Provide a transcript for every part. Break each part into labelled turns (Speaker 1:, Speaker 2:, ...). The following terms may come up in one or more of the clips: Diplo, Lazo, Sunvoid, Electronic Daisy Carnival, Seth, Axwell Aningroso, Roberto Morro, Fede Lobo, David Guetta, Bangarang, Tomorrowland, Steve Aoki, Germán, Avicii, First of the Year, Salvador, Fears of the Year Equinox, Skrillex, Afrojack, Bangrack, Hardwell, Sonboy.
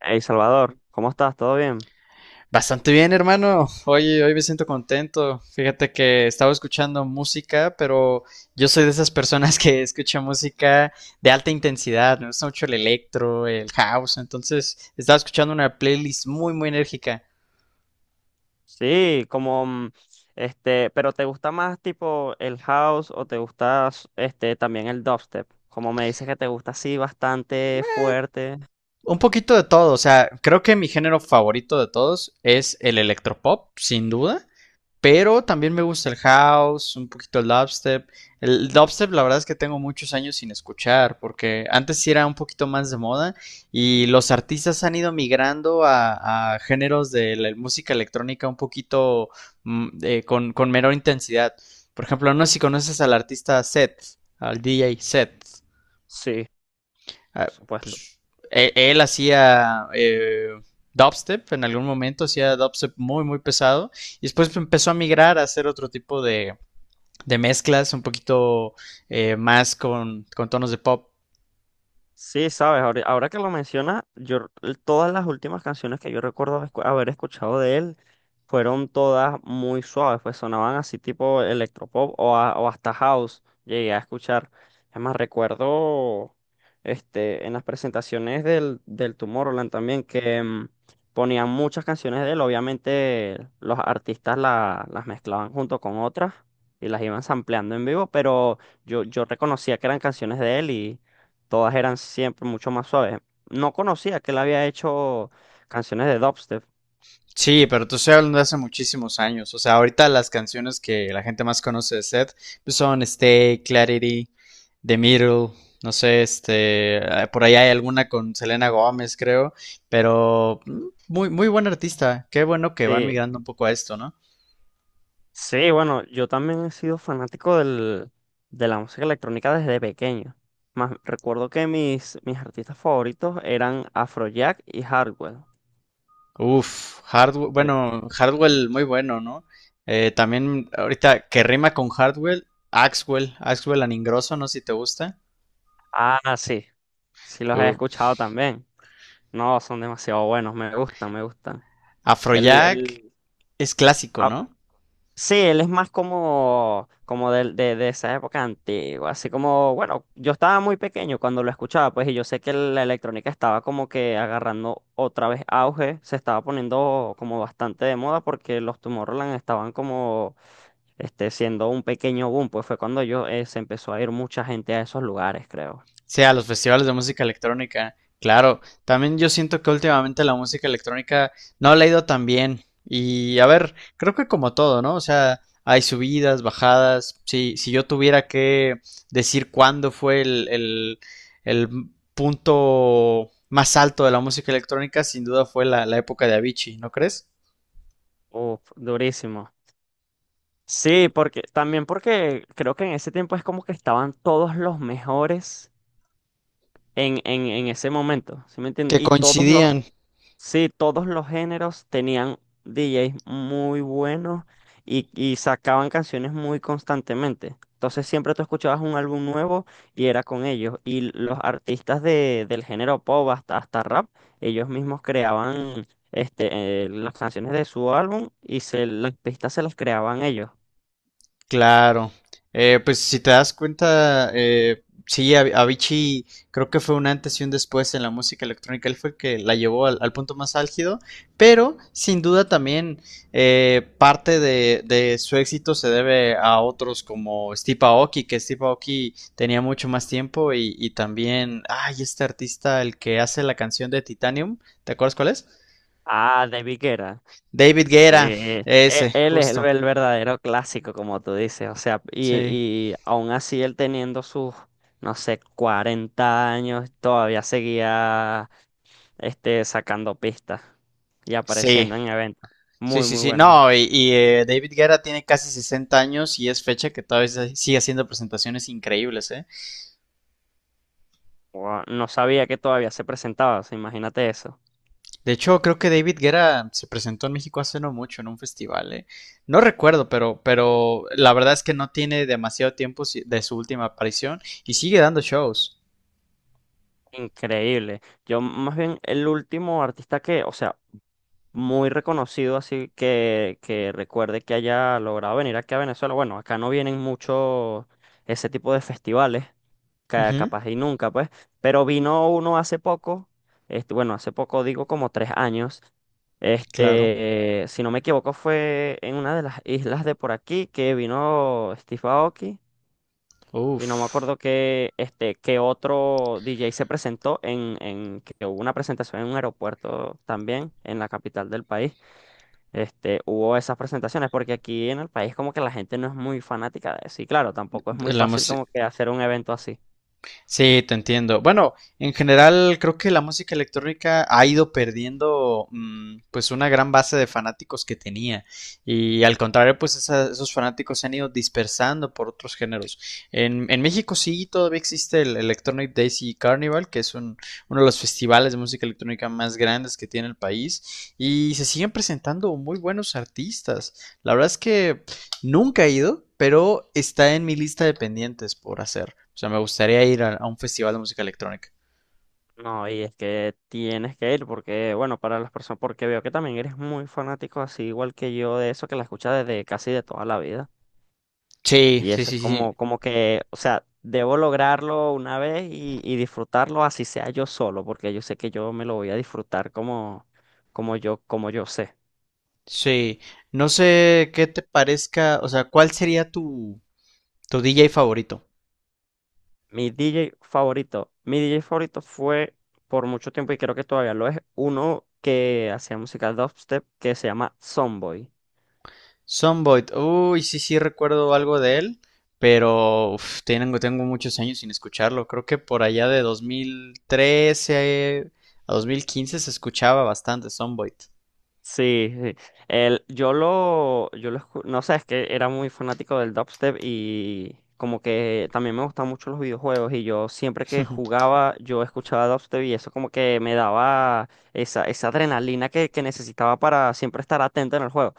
Speaker 1: Hey Salvador, ¿cómo estás? ¿Todo bien?
Speaker 2: Bastante bien, hermano. Oye, hoy me siento contento. Fíjate que estaba escuchando música, pero yo soy de esas personas que escucha música de alta intensidad. Me gusta mucho el electro, el house. Entonces, estaba escuchando una playlist muy, muy enérgica.
Speaker 1: Sí, como pero ¿te gusta más tipo el house o te gusta este también el dubstep? Como me dices que te gusta así bastante fuerte.
Speaker 2: Un poquito de todo. O sea, creo que mi género favorito de todos es el electropop, sin duda. Pero también me gusta el house, un poquito el dubstep. El dubstep, la verdad es que tengo muchos años sin escuchar, porque antes sí era un poquito más de moda y los artistas han ido migrando a géneros de la música electrónica un poquito con menor intensidad. Por ejemplo, no sé si conoces al artista Seth, al DJ Seth.
Speaker 1: Sí, por
Speaker 2: ah,
Speaker 1: supuesto.
Speaker 2: pues él hacía dubstep. En algún momento hacía dubstep muy, muy pesado, y después empezó a migrar a hacer otro tipo de mezclas, un poquito más con tonos de pop.
Speaker 1: Sí, sabes, ahora que lo mencionas, todas las últimas canciones que yo recuerdo haber escuchado de él fueron todas muy suaves, pues sonaban así tipo electropop o hasta house, llegué a escuchar. Además recuerdo en las presentaciones del Tomorrowland también que ponían muchas canciones de él. Obviamente los artistas las mezclaban junto con otras y las iban sampleando en vivo, pero yo reconocía que eran canciones de él. Todas eran siempre mucho más suaves. No conocía que él había hecho canciones de dubstep.
Speaker 2: Sí, pero tú estás hablando de hace muchísimos años. O sea, ahorita las canciones que la gente más conoce de Seth pues son Stay, Clarity, The Middle, no sé, por ahí hay alguna con Selena Gómez, creo, pero muy, muy buen artista. Qué bueno que van
Speaker 1: Sí,
Speaker 2: migrando un poco a esto, ¿no?
Speaker 1: sí, bueno, yo también he sido fanático de la música electrónica desde pequeño. Más, recuerdo que mis artistas favoritos eran Afrojack y Hardwell.
Speaker 2: Uf, Hardwell,
Speaker 1: Ya.
Speaker 2: bueno, Hardwell muy bueno, ¿no? También ahorita que rima con Hardwell, Axwell, Axwell Aningroso, no sé si te gusta.
Speaker 1: Ah, sí, sí los he
Speaker 2: Uh,
Speaker 1: escuchado también. No, son demasiado buenos, me gustan, me gustan. El,
Speaker 2: Afrojack
Speaker 1: el,
Speaker 2: es clásico, ¿no?
Speaker 1: Sí, él es más como, como de esa época antigua, así como, bueno, yo estaba muy pequeño cuando lo escuchaba, pues, y yo sé que la electrónica estaba como que agarrando otra vez auge, se estaba poniendo como bastante de moda porque los Tomorrowland estaban como, este, siendo un pequeño boom, pues fue cuando yo, se empezó a ir mucha gente a esos lugares, creo.
Speaker 2: Sí, a los festivales de música electrónica. Claro, también yo siento que últimamente la música electrónica no le ha ido tan bien. Y a ver, creo que como todo, ¿no? O sea, hay subidas, bajadas. Si yo tuviera que decir cuándo fue el punto más alto de la música electrónica, sin duda fue la, la época de Avicii, ¿no crees?
Speaker 1: Uf, durísimo. Sí, porque, también porque creo que en ese tiempo es como que estaban todos los mejores en ese momento, ¿sí me entiendes?
Speaker 2: Que
Speaker 1: Y todos los,
Speaker 2: coincidían.
Speaker 1: sí, todos los géneros tenían DJs muy buenos y sacaban canciones muy constantemente. Entonces siempre tú escuchabas un álbum nuevo y era con ellos. Y los artistas del género pop hasta, hasta rap, ellos mismos creaban este, las canciones de su álbum y se, las pistas se las creaban ellos.
Speaker 2: Claro. Pues si te das cuenta, sí, Avicii creo que fue un antes y un después en la música electrónica. Él fue el que la llevó al punto más álgido, pero sin duda también parte de su éxito se debe a otros como Steve Aoki, que Steve Aoki tenía mucho más tiempo y también, ay, este artista, el que hace la canción de Titanium, ¿te acuerdas cuál es?
Speaker 1: Ah, David Guetta.
Speaker 2: David
Speaker 1: Sí,
Speaker 2: Guerra, ese,
Speaker 1: él es
Speaker 2: justo.
Speaker 1: el verdadero clásico, como tú dices, o sea,
Speaker 2: Sí.
Speaker 1: y aún así él teniendo sus, no sé, 40 años, todavía seguía este, sacando pistas y
Speaker 2: Sí.
Speaker 1: apareciendo en eventos. Muy, muy
Speaker 2: Sí.
Speaker 1: bueno.
Speaker 2: No, David Guerra tiene casi 60 años y es fecha que todavía sigue haciendo presentaciones increíbles, ¿eh?
Speaker 1: Guau, no sabía que todavía se presentaba, o sea, imagínate eso.
Speaker 2: De hecho, creo que David Guerra se presentó en México hace no mucho en un festival, ¿eh? No recuerdo, pero la verdad es que no tiene demasiado tiempo de su última aparición y sigue dando shows.
Speaker 1: Increíble. Yo más bien el último artista que, o sea, muy reconocido, así que recuerde que haya logrado venir aquí a Venezuela. Bueno, acá no vienen mucho ese tipo de festivales,
Speaker 2: Ujú,
Speaker 1: capaz y nunca, pues, pero vino uno hace poco, este, bueno, hace poco digo como tres años.
Speaker 2: claro.
Speaker 1: Este, si no me equivoco, fue en una de las islas de por aquí que vino Steve Aoki. Y no me
Speaker 2: Uf.
Speaker 1: acuerdo que este, que otro DJ se presentó en que hubo una presentación en un aeropuerto también en la capital del país este, hubo esas presentaciones, porque aquí en el país como que la gente no es muy fanática de eso. Y claro, tampoco es muy
Speaker 2: La
Speaker 1: fácil
Speaker 2: música.
Speaker 1: como que hacer un evento así.
Speaker 2: Sí, te entiendo. Bueno, en general creo que la música electrónica ha ido perdiendo pues una gran base de fanáticos que tenía y al contrario pues esos fanáticos se han ido dispersando por otros géneros. En México sí todavía existe el Electronic Daisy Carnival, que es uno de los festivales de música electrónica más grandes que tiene el país y se siguen presentando muy buenos artistas. La verdad es que nunca he ido, pero está en mi lista de pendientes por hacer. O sea, me gustaría ir a un festival de música electrónica.
Speaker 1: No, y es que tienes que ir porque, bueno, para las personas, porque veo que también eres muy fanático, así igual que yo, de eso que la escuchas desde casi de toda la vida.
Speaker 2: Sí,
Speaker 1: Y
Speaker 2: sí,
Speaker 1: eso es
Speaker 2: sí, sí.
Speaker 1: como, como que, o sea, debo lograrlo una vez y disfrutarlo así sea yo solo, porque yo sé que yo me lo voy a disfrutar como, como yo sé.
Speaker 2: Sí. No sé qué te parezca, o sea, ¿cuál sería tu DJ favorito?
Speaker 1: Mi DJ favorito. Mi DJ favorito fue por mucho tiempo y creo que todavía lo es. Uno que hacía música dubstep que se llama Sonboy.
Speaker 2: Sunvoid. Uy, sí, sí, recuerdo algo de él, pero uf, tengo muchos años sin escucharlo. Creo que por allá de 2013 a 2015 se escuchaba bastante Sunvoid.
Speaker 1: Sí, sí. El, no sé, es que era muy fanático del dubstep y como que también me gustaban mucho los videojuegos y yo siempre que jugaba yo escuchaba dubstep y eso como que me daba esa adrenalina que necesitaba para siempre estar atento en el juego.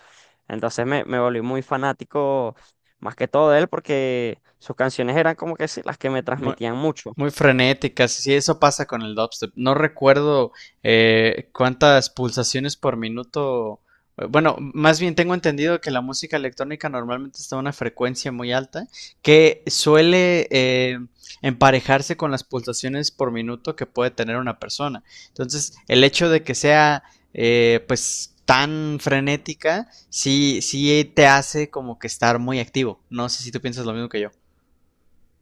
Speaker 1: Entonces me volví muy fanático más que todo de él porque sus canciones eran como que sí, las que me
Speaker 2: Muy,
Speaker 1: transmitían mucho.
Speaker 2: muy frenéticas. Sí, eso pasa con el dubstep. No recuerdo cuántas pulsaciones por minuto. Bueno, más bien tengo entendido que la música electrónica normalmente está a una frecuencia muy alta, que suele emparejarse con las pulsaciones por minuto que puede tener una persona. Entonces, el hecho de que sea pues tan frenética, sí, sí te hace como que estar muy activo. No sé si tú piensas lo mismo que yo.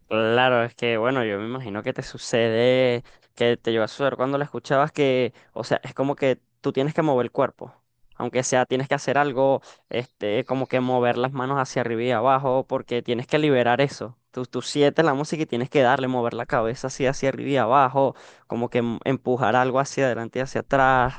Speaker 1: Claro, es que bueno, yo me imagino que te sucede, que te lleva a suceder cuando la escuchabas que, o sea, es como que tú tienes que mover el cuerpo, aunque sea tienes que hacer algo, este, como que mover las manos hacia arriba y abajo, porque tienes que liberar eso. Tú sientes la música y tienes que darle, mover la cabeza así hacia arriba y abajo, como que empujar algo hacia adelante y hacia atrás.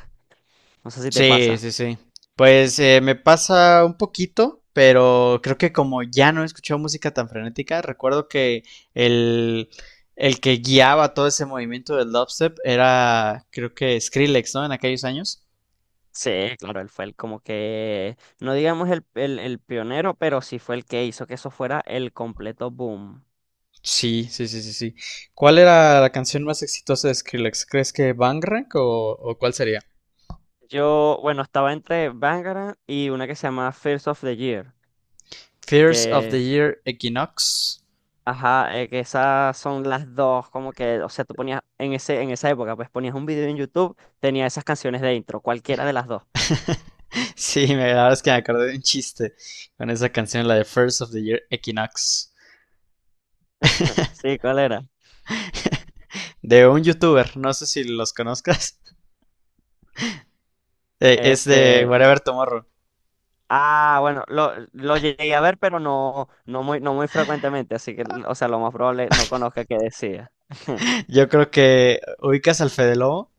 Speaker 1: No sé si te
Speaker 2: Sí,
Speaker 1: pasa.
Speaker 2: sí, sí. Pues me pasa un poquito, pero creo que como ya no he escuchado música tan frenética, recuerdo que el, el que guiaba todo ese movimiento del dubstep era, creo que Skrillex, ¿no? En aquellos años.
Speaker 1: Sí, claro, él fue el como que, no digamos el, el pionero, pero sí fue el que hizo que eso fuera el completo boom.
Speaker 2: Sí, sí, sí, sí, sí. ¿Cuál era la canción más exitosa de Skrillex? ¿Crees que Bangrack o cuál sería?
Speaker 1: Yo, bueno, estaba entre Bangarang y una que se llama First of the Year,
Speaker 2: Fears of the
Speaker 1: que,
Speaker 2: Year Equinox.
Speaker 1: ajá, que esas son las dos, como que, o sea, tú ponías en ese, en esa época, pues ponías un video en YouTube, tenía esas canciones de intro, cualquiera de las dos.
Speaker 2: Sí, la verdad es que me acordé de un chiste con esa canción, la de First of the Year Equinox.
Speaker 1: Sí, ¿cuál era?
Speaker 2: De un youtuber, no sé si los conozcas, es de
Speaker 1: Este,
Speaker 2: Whatever Tomorrow.
Speaker 1: ah, bueno, lo llegué a ver, pero no, no muy, no muy frecuentemente, así que, o sea, lo más probable no conozca qué decía.
Speaker 2: Yo creo que ubicas al Fede Lobo.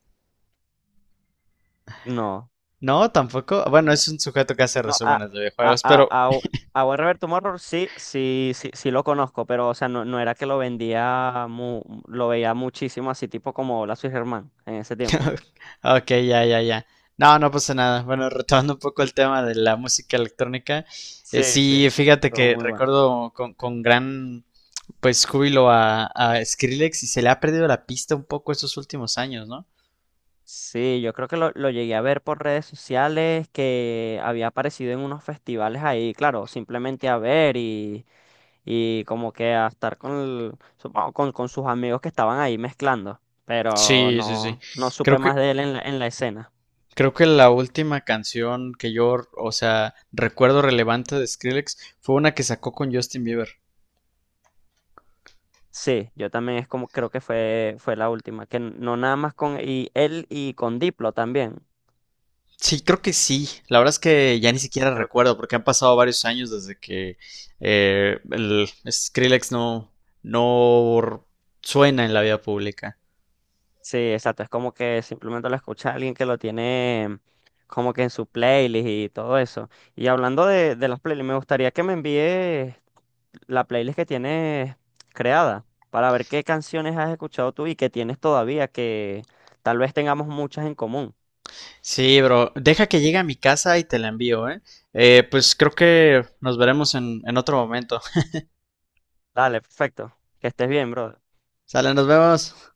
Speaker 1: No.
Speaker 2: No, tampoco. Bueno, es un sujeto que hace
Speaker 1: No,
Speaker 2: resúmenes de
Speaker 1: a,
Speaker 2: videojuegos,
Speaker 1: a,
Speaker 2: pero...
Speaker 1: a, a buen Roberto Morro sí, sí, sí, sí lo conozco, pero o sea, no, no era que lo vendía, lo veía muchísimo así, tipo como Lazo y Germán en ese tiempo.
Speaker 2: ok, ya, ya, ya. No, no pasa nada. Bueno, retomando un poco el tema de la música electrónica,
Speaker 1: Sí, sí.
Speaker 2: sí, fíjate
Speaker 1: Todo
Speaker 2: que
Speaker 1: muy bueno.
Speaker 2: recuerdo con gran pues júbilo a Skrillex, y se le ha perdido la pista un poco estos últimos años, ¿no?
Speaker 1: Sí, yo creo que lo llegué a ver por redes sociales, que había aparecido en unos festivales ahí, claro, simplemente a ver y como que a estar con, supongo con sus amigos que estaban ahí mezclando, pero
Speaker 2: Sí, sí, sí.
Speaker 1: no, no
Speaker 2: Creo
Speaker 1: supe más
Speaker 2: que
Speaker 1: de él en la escena.
Speaker 2: Creo que la última canción que yo, o sea, recuerdo relevante de Skrillex fue una que sacó con Justin Bieber.
Speaker 1: Sí, yo también es como creo que fue, fue la última, que no nada más con y él y con Diplo también.
Speaker 2: Sí, creo que sí. La verdad es que ya ni siquiera
Speaker 1: Creo que,
Speaker 2: recuerdo porque han pasado varios años desde que el Skrillex no suena en la vida pública.
Speaker 1: sí, exacto, es como que simplemente lo escucha alguien que lo tiene como que en su playlist y todo eso. Y hablando de las playlists, me gustaría que me envíes la playlist que tienes creada para ver qué canciones has escuchado tú y que tienes todavía, que tal vez tengamos muchas en común.
Speaker 2: Sí, bro. Deja que llegue a mi casa y te la envío, ¿eh? Pues creo que nos veremos en otro momento.
Speaker 1: Dale, perfecto. Que estés bien, bro.
Speaker 2: Sale, nos vemos.